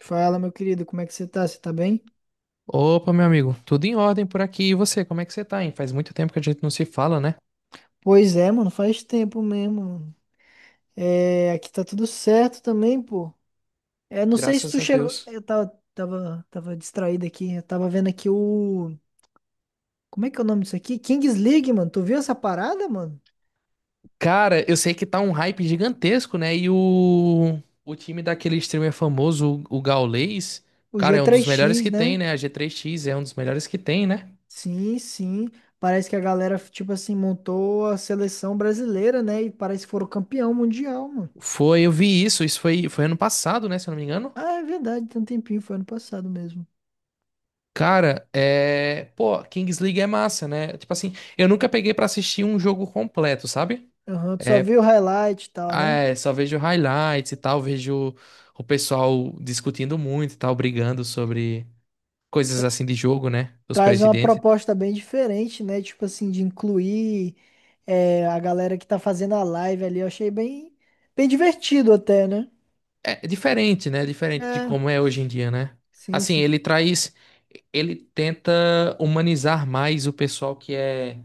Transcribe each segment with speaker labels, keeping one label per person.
Speaker 1: Fala, meu querido, como é que você tá? Você tá bem?
Speaker 2: Opa, meu amigo, tudo em ordem por aqui. E você, como é que você tá, hein? Faz muito tempo que a gente não se fala, né?
Speaker 1: Pois é, mano, faz tempo mesmo, mano. É, aqui tá tudo certo também, pô. É, não sei se
Speaker 2: Graças
Speaker 1: tu
Speaker 2: a
Speaker 1: chegou.
Speaker 2: Deus.
Speaker 1: Eu tava distraído aqui. Eu tava vendo aqui o. Como é que é o nome disso aqui? Kings League, mano. Tu viu essa parada, mano?
Speaker 2: Cara, eu sei que tá um hype gigantesco, né? E o time daquele streamer famoso, o Gaules,
Speaker 1: O
Speaker 2: cara, é um dos melhores
Speaker 1: G3X,
Speaker 2: que
Speaker 1: né?
Speaker 2: tem, né? A G3X é um dos melhores que tem, né?
Speaker 1: Sim, sim. Parece que a galera, tipo assim, montou a seleção brasileira, né? E parece que foram campeão mundial, mano.
Speaker 2: Foi, eu vi isso. Isso foi ano passado, né? Se eu não me engano.
Speaker 1: Ah, é verdade, tem um tempinho, foi ano passado mesmo.
Speaker 2: Cara, é. Pô, Kings League é massa, né? Tipo assim, eu nunca peguei pra assistir um jogo completo, sabe?
Speaker 1: Aham, tu só
Speaker 2: É,
Speaker 1: viu o highlight e tal,
Speaker 2: ah,
Speaker 1: né?
Speaker 2: é, só vejo highlights e tal, vejo o pessoal discutindo muito e tal, brigando sobre coisas assim de jogo, né? Os
Speaker 1: Traz uma
Speaker 2: presidentes.
Speaker 1: proposta bem diferente, né? Tipo assim, de incluir a galera que tá fazendo a live ali. Eu achei bem, bem divertido até, né?
Speaker 2: É diferente, né? Diferente de
Speaker 1: É,
Speaker 2: como é hoje em dia, né?
Speaker 1: sim,
Speaker 2: Assim,
Speaker 1: sim.
Speaker 2: ele tenta humanizar mais o pessoal que é,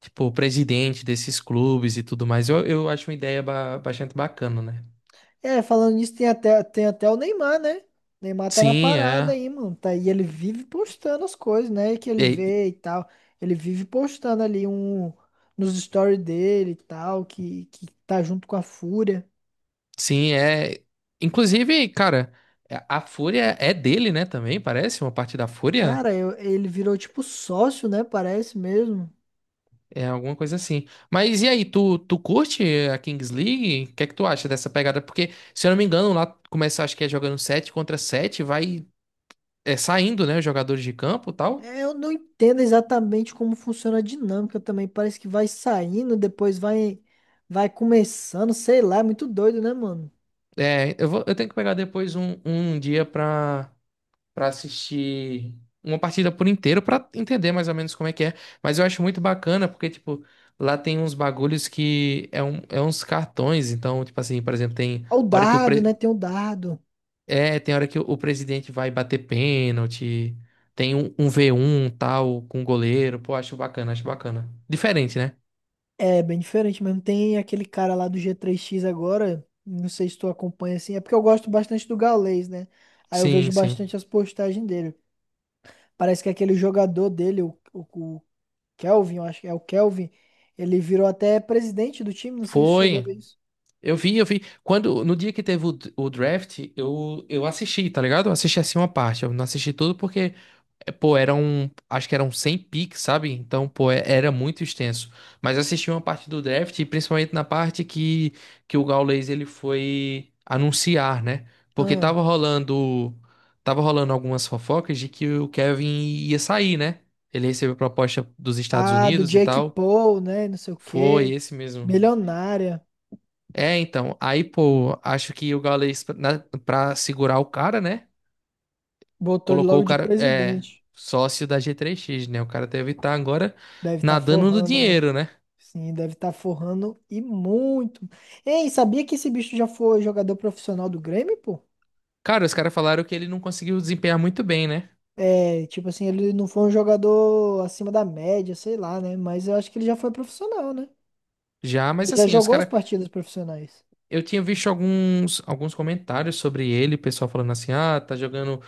Speaker 2: tipo, o presidente desses clubes e tudo mais. Eu acho uma ideia bastante bacana, né?
Speaker 1: É, falando nisso, tem até o Neymar, né? O Neymar tá na
Speaker 2: Sim,
Speaker 1: parada aí, mano. Tá, e ele vive postando as coisas, né? Que ele
Speaker 2: é.
Speaker 1: vê e tal. Ele vive postando ali um nos stories dele e tal, que tá junto com a Fúria.
Speaker 2: Sim, é. Inclusive, cara, a Fúria é dele, né? Também parece uma parte da Fúria.
Speaker 1: Cara, ele virou tipo sócio, né? Parece mesmo.
Speaker 2: É alguma coisa assim. Mas e aí, tu curte a Kings League? O que é que tu acha dessa pegada? Porque, se eu não me engano, lá começa, acho que é jogando 7 contra 7 vai saindo, né? Os jogadores de campo e tal.
Speaker 1: É, eu não entendo exatamente como funciona a dinâmica também. Parece que vai saindo, depois vai começando, sei lá, é muito doido, né, mano?
Speaker 2: É, eu tenho que pegar depois um dia pra assistir uma partida por inteiro pra entender mais ou menos como é que é. Mas eu acho muito bacana porque, tipo, lá tem uns bagulhos que é uns cartões. Então, tipo assim, por exemplo,
Speaker 1: Ó, o dado, né? Tem o dado.
Speaker 2: tem hora que o presidente vai bater pênalti. Tem um, um v um tal com o goleiro. Pô, acho bacana, acho bacana. Diferente, né?
Speaker 1: É bem diferente mesmo. Tem aquele cara lá do g três x agora, não sei se tu acompanha assim, é porque eu gosto bastante do Gaules, né? Aí eu
Speaker 2: Sim,
Speaker 1: vejo
Speaker 2: sim.
Speaker 1: bastante as postagens dele. Parece que aquele jogador dele, o Kelvin, eu acho que é o Kelvin, ele virou até presidente do time, não sei se chegou a
Speaker 2: Foi.
Speaker 1: ver isso.
Speaker 2: Eu vi, eu vi. Quando, no dia que teve o draft, eu assisti, tá ligado? Eu assisti assim uma parte. Eu não assisti tudo porque pô, acho que eram 100 picks, sabe? Então, pô, era muito extenso. Mas assisti uma parte do draft, e principalmente na parte que o Gaules ele foi anunciar, né? Porque tava rolando algumas fofocas de que o Kevin ia sair, né? Ele recebeu proposta dos Estados
Speaker 1: Ah, do
Speaker 2: Unidos e
Speaker 1: Jake
Speaker 2: tal.
Speaker 1: Paul, né? Não sei o
Speaker 2: Foi
Speaker 1: quê.
Speaker 2: esse mesmo.
Speaker 1: Milionária.
Speaker 2: É, então, aí, pô, acho que o Gaules, pra segurar o cara, né?
Speaker 1: Botou ele
Speaker 2: Colocou
Speaker 1: logo
Speaker 2: o
Speaker 1: de
Speaker 2: cara é
Speaker 1: presidente.
Speaker 2: sócio da G3X, né? O cara deve estar agora
Speaker 1: Deve estar
Speaker 2: nadando no
Speaker 1: forrando, mano.
Speaker 2: dinheiro, né?
Speaker 1: Sim, deve estar forrando e muito. Ei, sabia que esse bicho já foi jogador profissional do Grêmio, pô?
Speaker 2: Cara, os caras falaram que ele não conseguiu desempenhar muito bem, né?
Speaker 1: É, tipo assim, ele não foi um jogador acima da média, sei lá, né? Mas eu acho que ele já foi profissional, né?
Speaker 2: Já,
Speaker 1: Ele
Speaker 2: mas
Speaker 1: já
Speaker 2: assim, os
Speaker 1: jogou as
Speaker 2: caras,
Speaker 1: partidas profissionais.
Speaker 2: eu tinha visto alguns comentários sobre ele, o pessoal falando assim: "Ah, tá jogando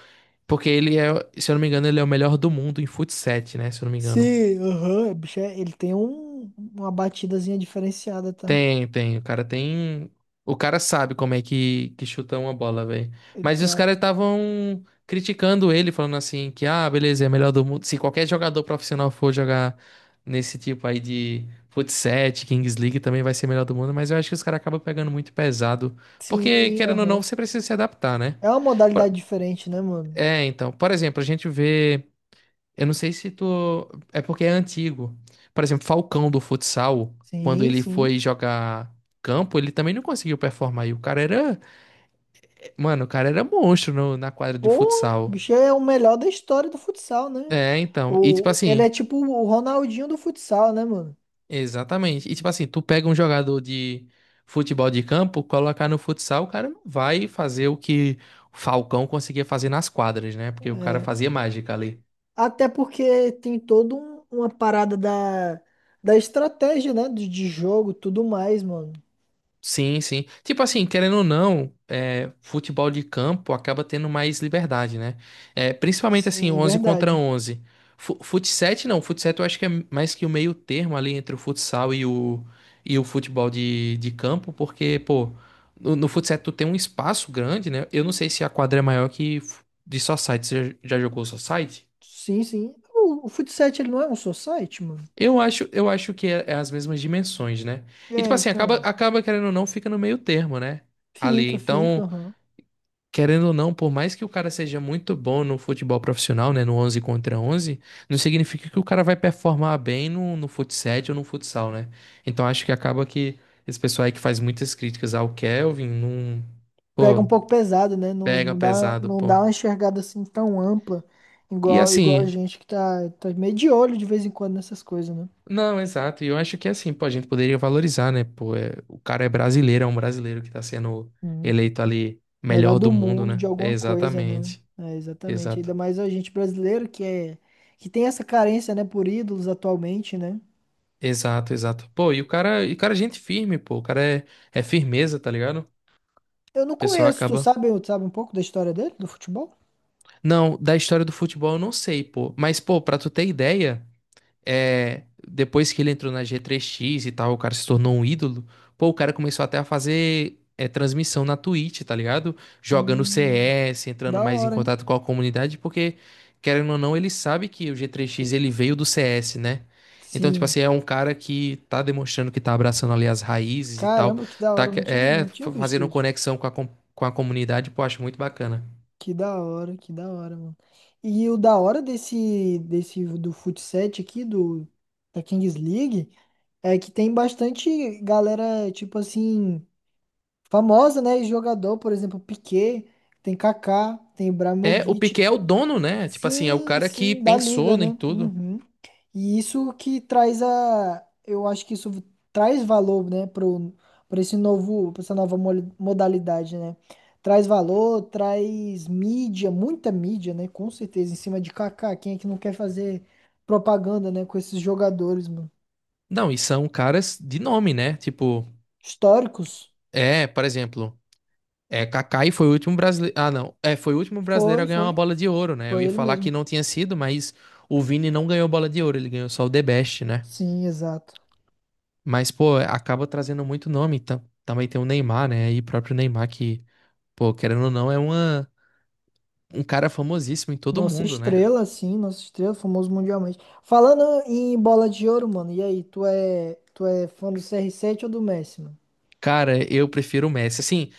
Speaker 2: porque ele é, se eu não me engano, ele é o melhor do mundo em fut 7, né? Se eu não me engano."
Speaker 1: Sim, aham. Bicho, ele tem um, uma batidazinha diferenciada, tá?
Speaker 2: Tem, tem. O cara tem. O cara sabe como é que chuta uma bola, velho.
Speaker 1: Ele
Speaker 2: Mas
Speaker 1: tem
Speaker 2: os
Speaker 1: uma.
Speaker 2: caras estavam criticando ele, falando assim que, ah, beleza, é melhor do mundo. Se qualquer jogador profissional for jogar nesse tipo aí de futsal, Kings League, também vai ser melhor do mundo. Mas eu acho que os caras acabam pegando muito pesado. Porque,
Speaker 1: Sim,
Speaker 2: querendo ou
Speaker 1: aham.
Speaker 2: não, você precisa se adaptar, né?
Speaker 1: É uma
Speaker 2: Por-
Speaker 1: modalidade diferente, né, mano?
Speaker 2: É, então. Por exemplo, a gente vê. Eu não sei se tu. É porque é antigo. Por exemplo, Falcão do futsal, quando
Speaker 1: Sim,
Speaker 2: ele
Speaker 1: sim.
Speaker 2: foi jogar campo, ele também não conseguiu performar. E o cara era. Mano, o cara era monstro na quadra de
Speaker 1: Pô, o
Speaker 2: futsal.
Speaker 1: bicho é o melhor da história do futsal, né?
Speaker 2: É, então. E tipo
Speaker 1: O, ele é
Speaker 2: assim,
Speaker 1: tipo o Ronaldinho do futsal, né, mano?
Speaker 2: exatamente. E tipo assim, tu pega um jogador de futebol de campo, colocar no futsal, o cara não vai fazer o que o Falcão conseguia fazer nas quadras, né? Porque o cara
Speaker 1: É,
Speaker 2: fazia mágica ali.
Speaker 1: até porque tem toda uma parada da, da estratégia, né? De jogo, tudo mais, mano.
Speaker 2: Sim, sim. Tipo assim, querendo ou não, futebol de campo acaba tendo mais liberdade, né? É, principalmente assim,
Speaker 1: Sim,
Speaker 2: onze contra
Speaker 1: verdade.
Speaker 2: onze Fut 7 não, fut 7 eu acho que é mais que o meio termo ali entre o futsal e o futebol de campo, porque, pô, no fut 7 tu tem um espaço grande, né? Eu não sei se a quadra é maior que de society. Você já já jogou society?
Speaker 1: Sim, sim. O futsal, ele não é um society, mano?
Speaker 2: Eu acho que é as mesmas dimensões, né? E tipo
Speaker 1: É,
Speaker 2: assim,
Speaker 1: então.
Speaker 2: acaba querendo ou não, fica no meio termo, né? Ali, então.
Speaker 1: Aham.
Speaker 2: Querendo ou não, por mais que o cara seja muito bom no futebol profissional, né, no 11 contra 11, não significa que o cara vai performar bem no fut ou no futsal, né? Então acho que acaba que esse pessoal aí que faz muitas críticas ao Kelvin, não,
Speaker 1: Pega um
Speaker 2: pô,
Speaker 1: pouco pesado, né? Não,
Speaker 2: pega
Speaker 1: não dá,
Speaker 2: pesado,
Speaker 1: não
Speaker 2: pô.
Speaker 1: dá uma enxergada assim tão ampla,
Speaker 2: E
Speaker 1: igual, igual a
Speaker 2: assim,
Speaker 1: gente que tá, tá meio de olho de vez em quando nessas coisas, né?
Speaker 2: não, exato, e eu acho que assim, pô, a gente poderia valorizar, né, pô, o cara é brasileiro, é um brasileiro que tá sendo
Speaker 1: Hum.
Speaker 2: eleito ali
Speaker 1: Melhor
Speaker 2: melhor do
Speaker 1: do
Speaker 2: mundo,
Speaker 1: mundo de
Speaker 2: né? É,
Speaker 1: alguma coisa, né?
Speaker 2: exatamente,
Speaker 1: É, exatamente.
Speaker 2: exato.
Speaker 1: Ainda mais a gente brasileiro que é que tem essa carência, né, por ídolos atualmente, né?
Speaker 2: Exato, exato. Pô, e o cara é gente firme, pô. O cara é firmeza, tá ligado? O
Speaker 1: Eu não
Speaker 2: pessoal
Speaker 1: conheço, tu
Speaker 2: acaba.
Speaker 1: sabe, tu sabe um pouco da história dele, do futebol?
Speaker 2: Não, da história do futebol eu não sei, pô. Mas, pô, pra tu ter ideia. Depois que ele entrou na G3X e tal, o cara se tornou um ídolo. Pô, o cara começou até a fazer transmissão na Twitch, tá ligado? Jogando
Speaker 1: Hum,
Speaker 2: CS, entrando
Speaker 1: da
Speaker 2: mais em
Speaker 1: hora, hein?
Speaker 2: contato com a comunidade, porque, querendo ou não, ele sabe que o G3X ele veio do CS, né? Então, tipo
Speaker 1: Sim.
Speaker 2: assim, é um cara que tá demonstrando que tá abraçando ali as raízes e tal,
Speaker 1: Caramba, que da
Speaker 2: tá
Speaker 1: hora, eu não tinha, não tinha visto
Speaker 2: fazendo
Speaker 1: isso.
Speaker 2: conexão com a comunidade, pô, acho muito bacana.
Speaker 1: Que da hora, mano. E o da hora desse, desse do futsal aqui, do, da Kings League, é que tem bastante galera, tipo assim, famosa, né? E jogador, por exemplo, Piqué, tem Kaká, tem
Speaker 2: É, o
Speaker 1: Ibrahimovic.
Speaker 2: Piquet é o dono, né? Tipo assim, é o
Speaker 1: Sim,
Speaker 2: cara que
Speaker 1: sim, da liga,
Speaker 2: pensou em
Speaker 1: né?
Speaker 2: tudo.
Speaker 1: Uhum. E isso que traz a, eu acho que isso traz valor, né, pro, para esse novo, para essa nova modalidade, né? Traz valor, traz mídia, muita mídia, né? Com certeza, em cima de Kaká, quem é que não quer fazer propaganda, né, com esses jogadores, mano?
Speaker 2: Não, e são caras de nome, né? Tipo,
Speaker 1: Históricos?
Speaker 2: por exemplo, Kaká foi o último brasileiro. Ah, não. Foi o último brasileiro a
Speaker 1: Foi,
Speaker 2: ganhar uma
Speaker 1: foi,
Speaker 2: bola de ouro, né? Eu
Speaker 1: foi
Speaker 2: ia
Speaker 1: ele
Speaker 2: falar
Speaker 1: mesmo.
Speaker 2: que não tinha sido, mas o Vini não ganhou bola de ouro, ele ganhou só o The Best, né?
Speaker 1: Sim, exato.
Speaker 2: Mas, pô, acaba trazendo muito nome. Também tem o Neymar, né? E o próprio Neymar que, pô, querendo ou não, é um cara famosíssimo em todo
Speaker 1: Nossa
Speaker 2: mundo, né?
Speaker 1: estrela, sim, nossa estrela, famoso mundialmente. Falando em bola de ouro, mano, e aí, tu é fã do CR7 ou do Messi, mano?
Speaker 2: Cara, eu prefiro o Messi. Assim,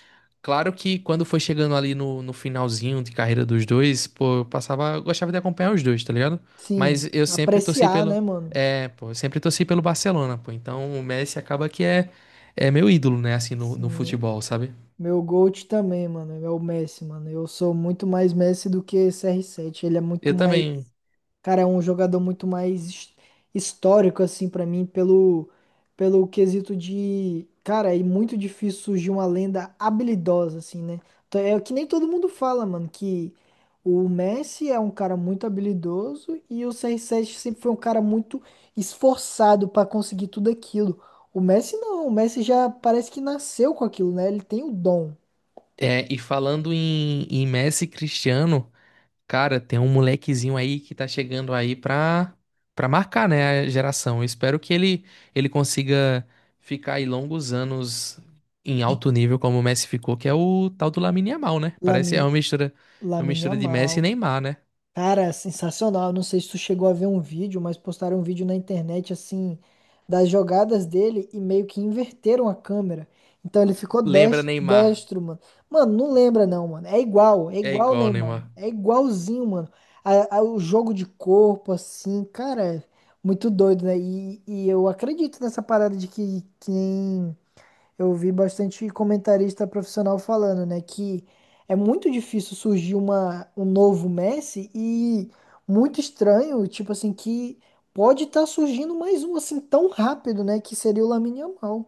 Speaker 2: claro que quando foi chegando ali no finalzinho de carreira dos dois, pô, eu gostava de acompanhar os dois, tá ligado?
Speaker 1: Sim,
Speaker 2: Mas
Speaker 1: apreciar, né, mano?
Speaker 2: eu sempre torci pelo Barcelona, pô. Então o Messi acaba que é meu ídolo, né, assim, no
Speaker 1: Sim,
Speaker 2: futebol, sabe?
Speaker 1: meu GOAT também, mano, é o Messi, mano. Eu sou muito mais Messi do que CR7. Ele é muito
Speaker 2: Eu
Speaker 1: mais.
Speaker 2: também.
Speaker 1: Cara, é um jogador muito mais histórico, assim, pra mim, pelo, pelo quesito de. Cara, é muito difícil surgir uma lenda habilidosa, assim, né? Então, é o que nem todo mundo fala, mano, que o Messi é um cara muito habilidoso e o CR7 sempre foi um cara muito esforçado pra conseguir tudo aquilo. O Messi não, o Messi já parece que nasceu com aquilo, né? Ele tem o dom.
Speaker 2: E falando em Messi e Cristiano. Cara, tem um molequezinho aí que tá chegando aí pra marcar, né, a geração. Eu espero que ele consiga ficar aí longos anos em alto nível como o Messi ficou, que é o tal do Lamine Yamal, né? Parece
Speaker 1: Lamine,
Speaker 2: é uma
Speaker 1: Lamine
Speaker 2: mistura de Messi
Speaker 1: Yamal.
Speaker 2: e Neymar, né?
Speaker 1: Cara, sensacional. Não sei se tu chegou a ver um vídeo, mas postaram um vídeo na internet assim das jogadas dele e meio que inverteram a câmera. Então ele ficou
Speaker 2: Lembra Neymar.
Speaker 1: destro, mano. Mano, não lembra não, mano. É
Speaker 2: É
Speaker 1: igual o
Speaker 2: igual
Speaker 1: Neymar,
Speaker 2: Neymar.
Speaker 1: mano. É igualzinho, mano. O jogo de corpo, assim, cara, é muito doido, né? E eu acredito nessa parada de que quem eu vi bastante comentarista profissional falando, né, que é muito difícil surgir um novo Messi e muito estranho, tipo assim, que pode estar surgindo mais um assim tão rápido, né, que seria o Lamine Yamal.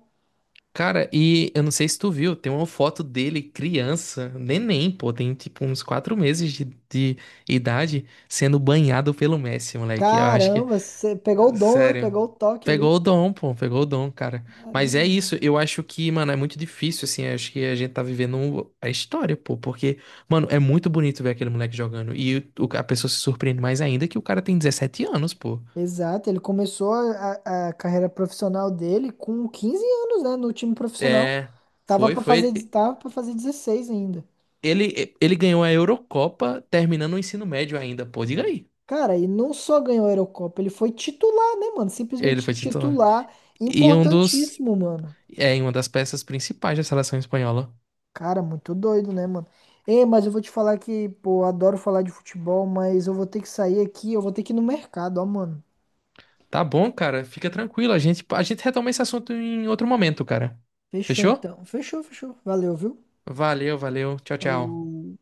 Speaker 2: Cara, e eu não sei se tu viu, tem uma foto dele criança, neném, pô, tem tipo uns 4 meses de idade, sendo banhado pelo Messi, moleque. Eu acho que
Speaker 1: Caramba, você pegou o dom, né?
Speaker 2: sério.
Speaker 1: Pegou o toque ali.
Speaker 2: Pegou o dom, pô, pegou o dom, cara. Mas é
Speaker 1: Caramba.
Speaker 2: isso, eu acho que, mano, é muito difícil, assim, eu acho que a gente tá vivendo a história, pô, porque, mano, é muito bonito ver aquele moleque jogando. E a pessoa se surpreende mais ainda que o cara tem 17 anos, pô.
Speaker 1: Exato, ele começou a carreira profissional dele com 15 anos, né, no time profissional.
Speaker 2: É, foi, foi.
Speaker 1: Tava para fazer 16 ainda.
Speaker 2: Ele ganhou a Eurocopa terminando o ensino médio ainda, pô, diga aí.
Speaker 1: Cara, e não só ganhou a Eurocopa, ele foi titular, né, mano?
Speaker 2: Ele
Speaker 1: Simplesmente
Speaker 2: foi titular.
Speaker 1: titular,
Speaker 2: E
Speaker 1: importantíssimo, mano.
Speaker 2: em uma das peças principais da seleção espanhola.
Speaker 1: Cara, muito doido, né, mano? Ei, mas eu vou te falar que, pô, eu adoro falar de futebol, mas eu vou ter que sair aqui, eu vou ter que ir no mercado, ó, mano.
Speaker 2: Tá bom, cara. Fica tranquilo. A gente retoma esse assunto em outro momento, cara.
Speaker 1: Fechou
Speaker 2: Fechou?
Speaker 1: então. Fechou. Valeu, viu?
Speaker 2: Valeu, valeu. Tchau, tchau.
Speaker 1: Falou.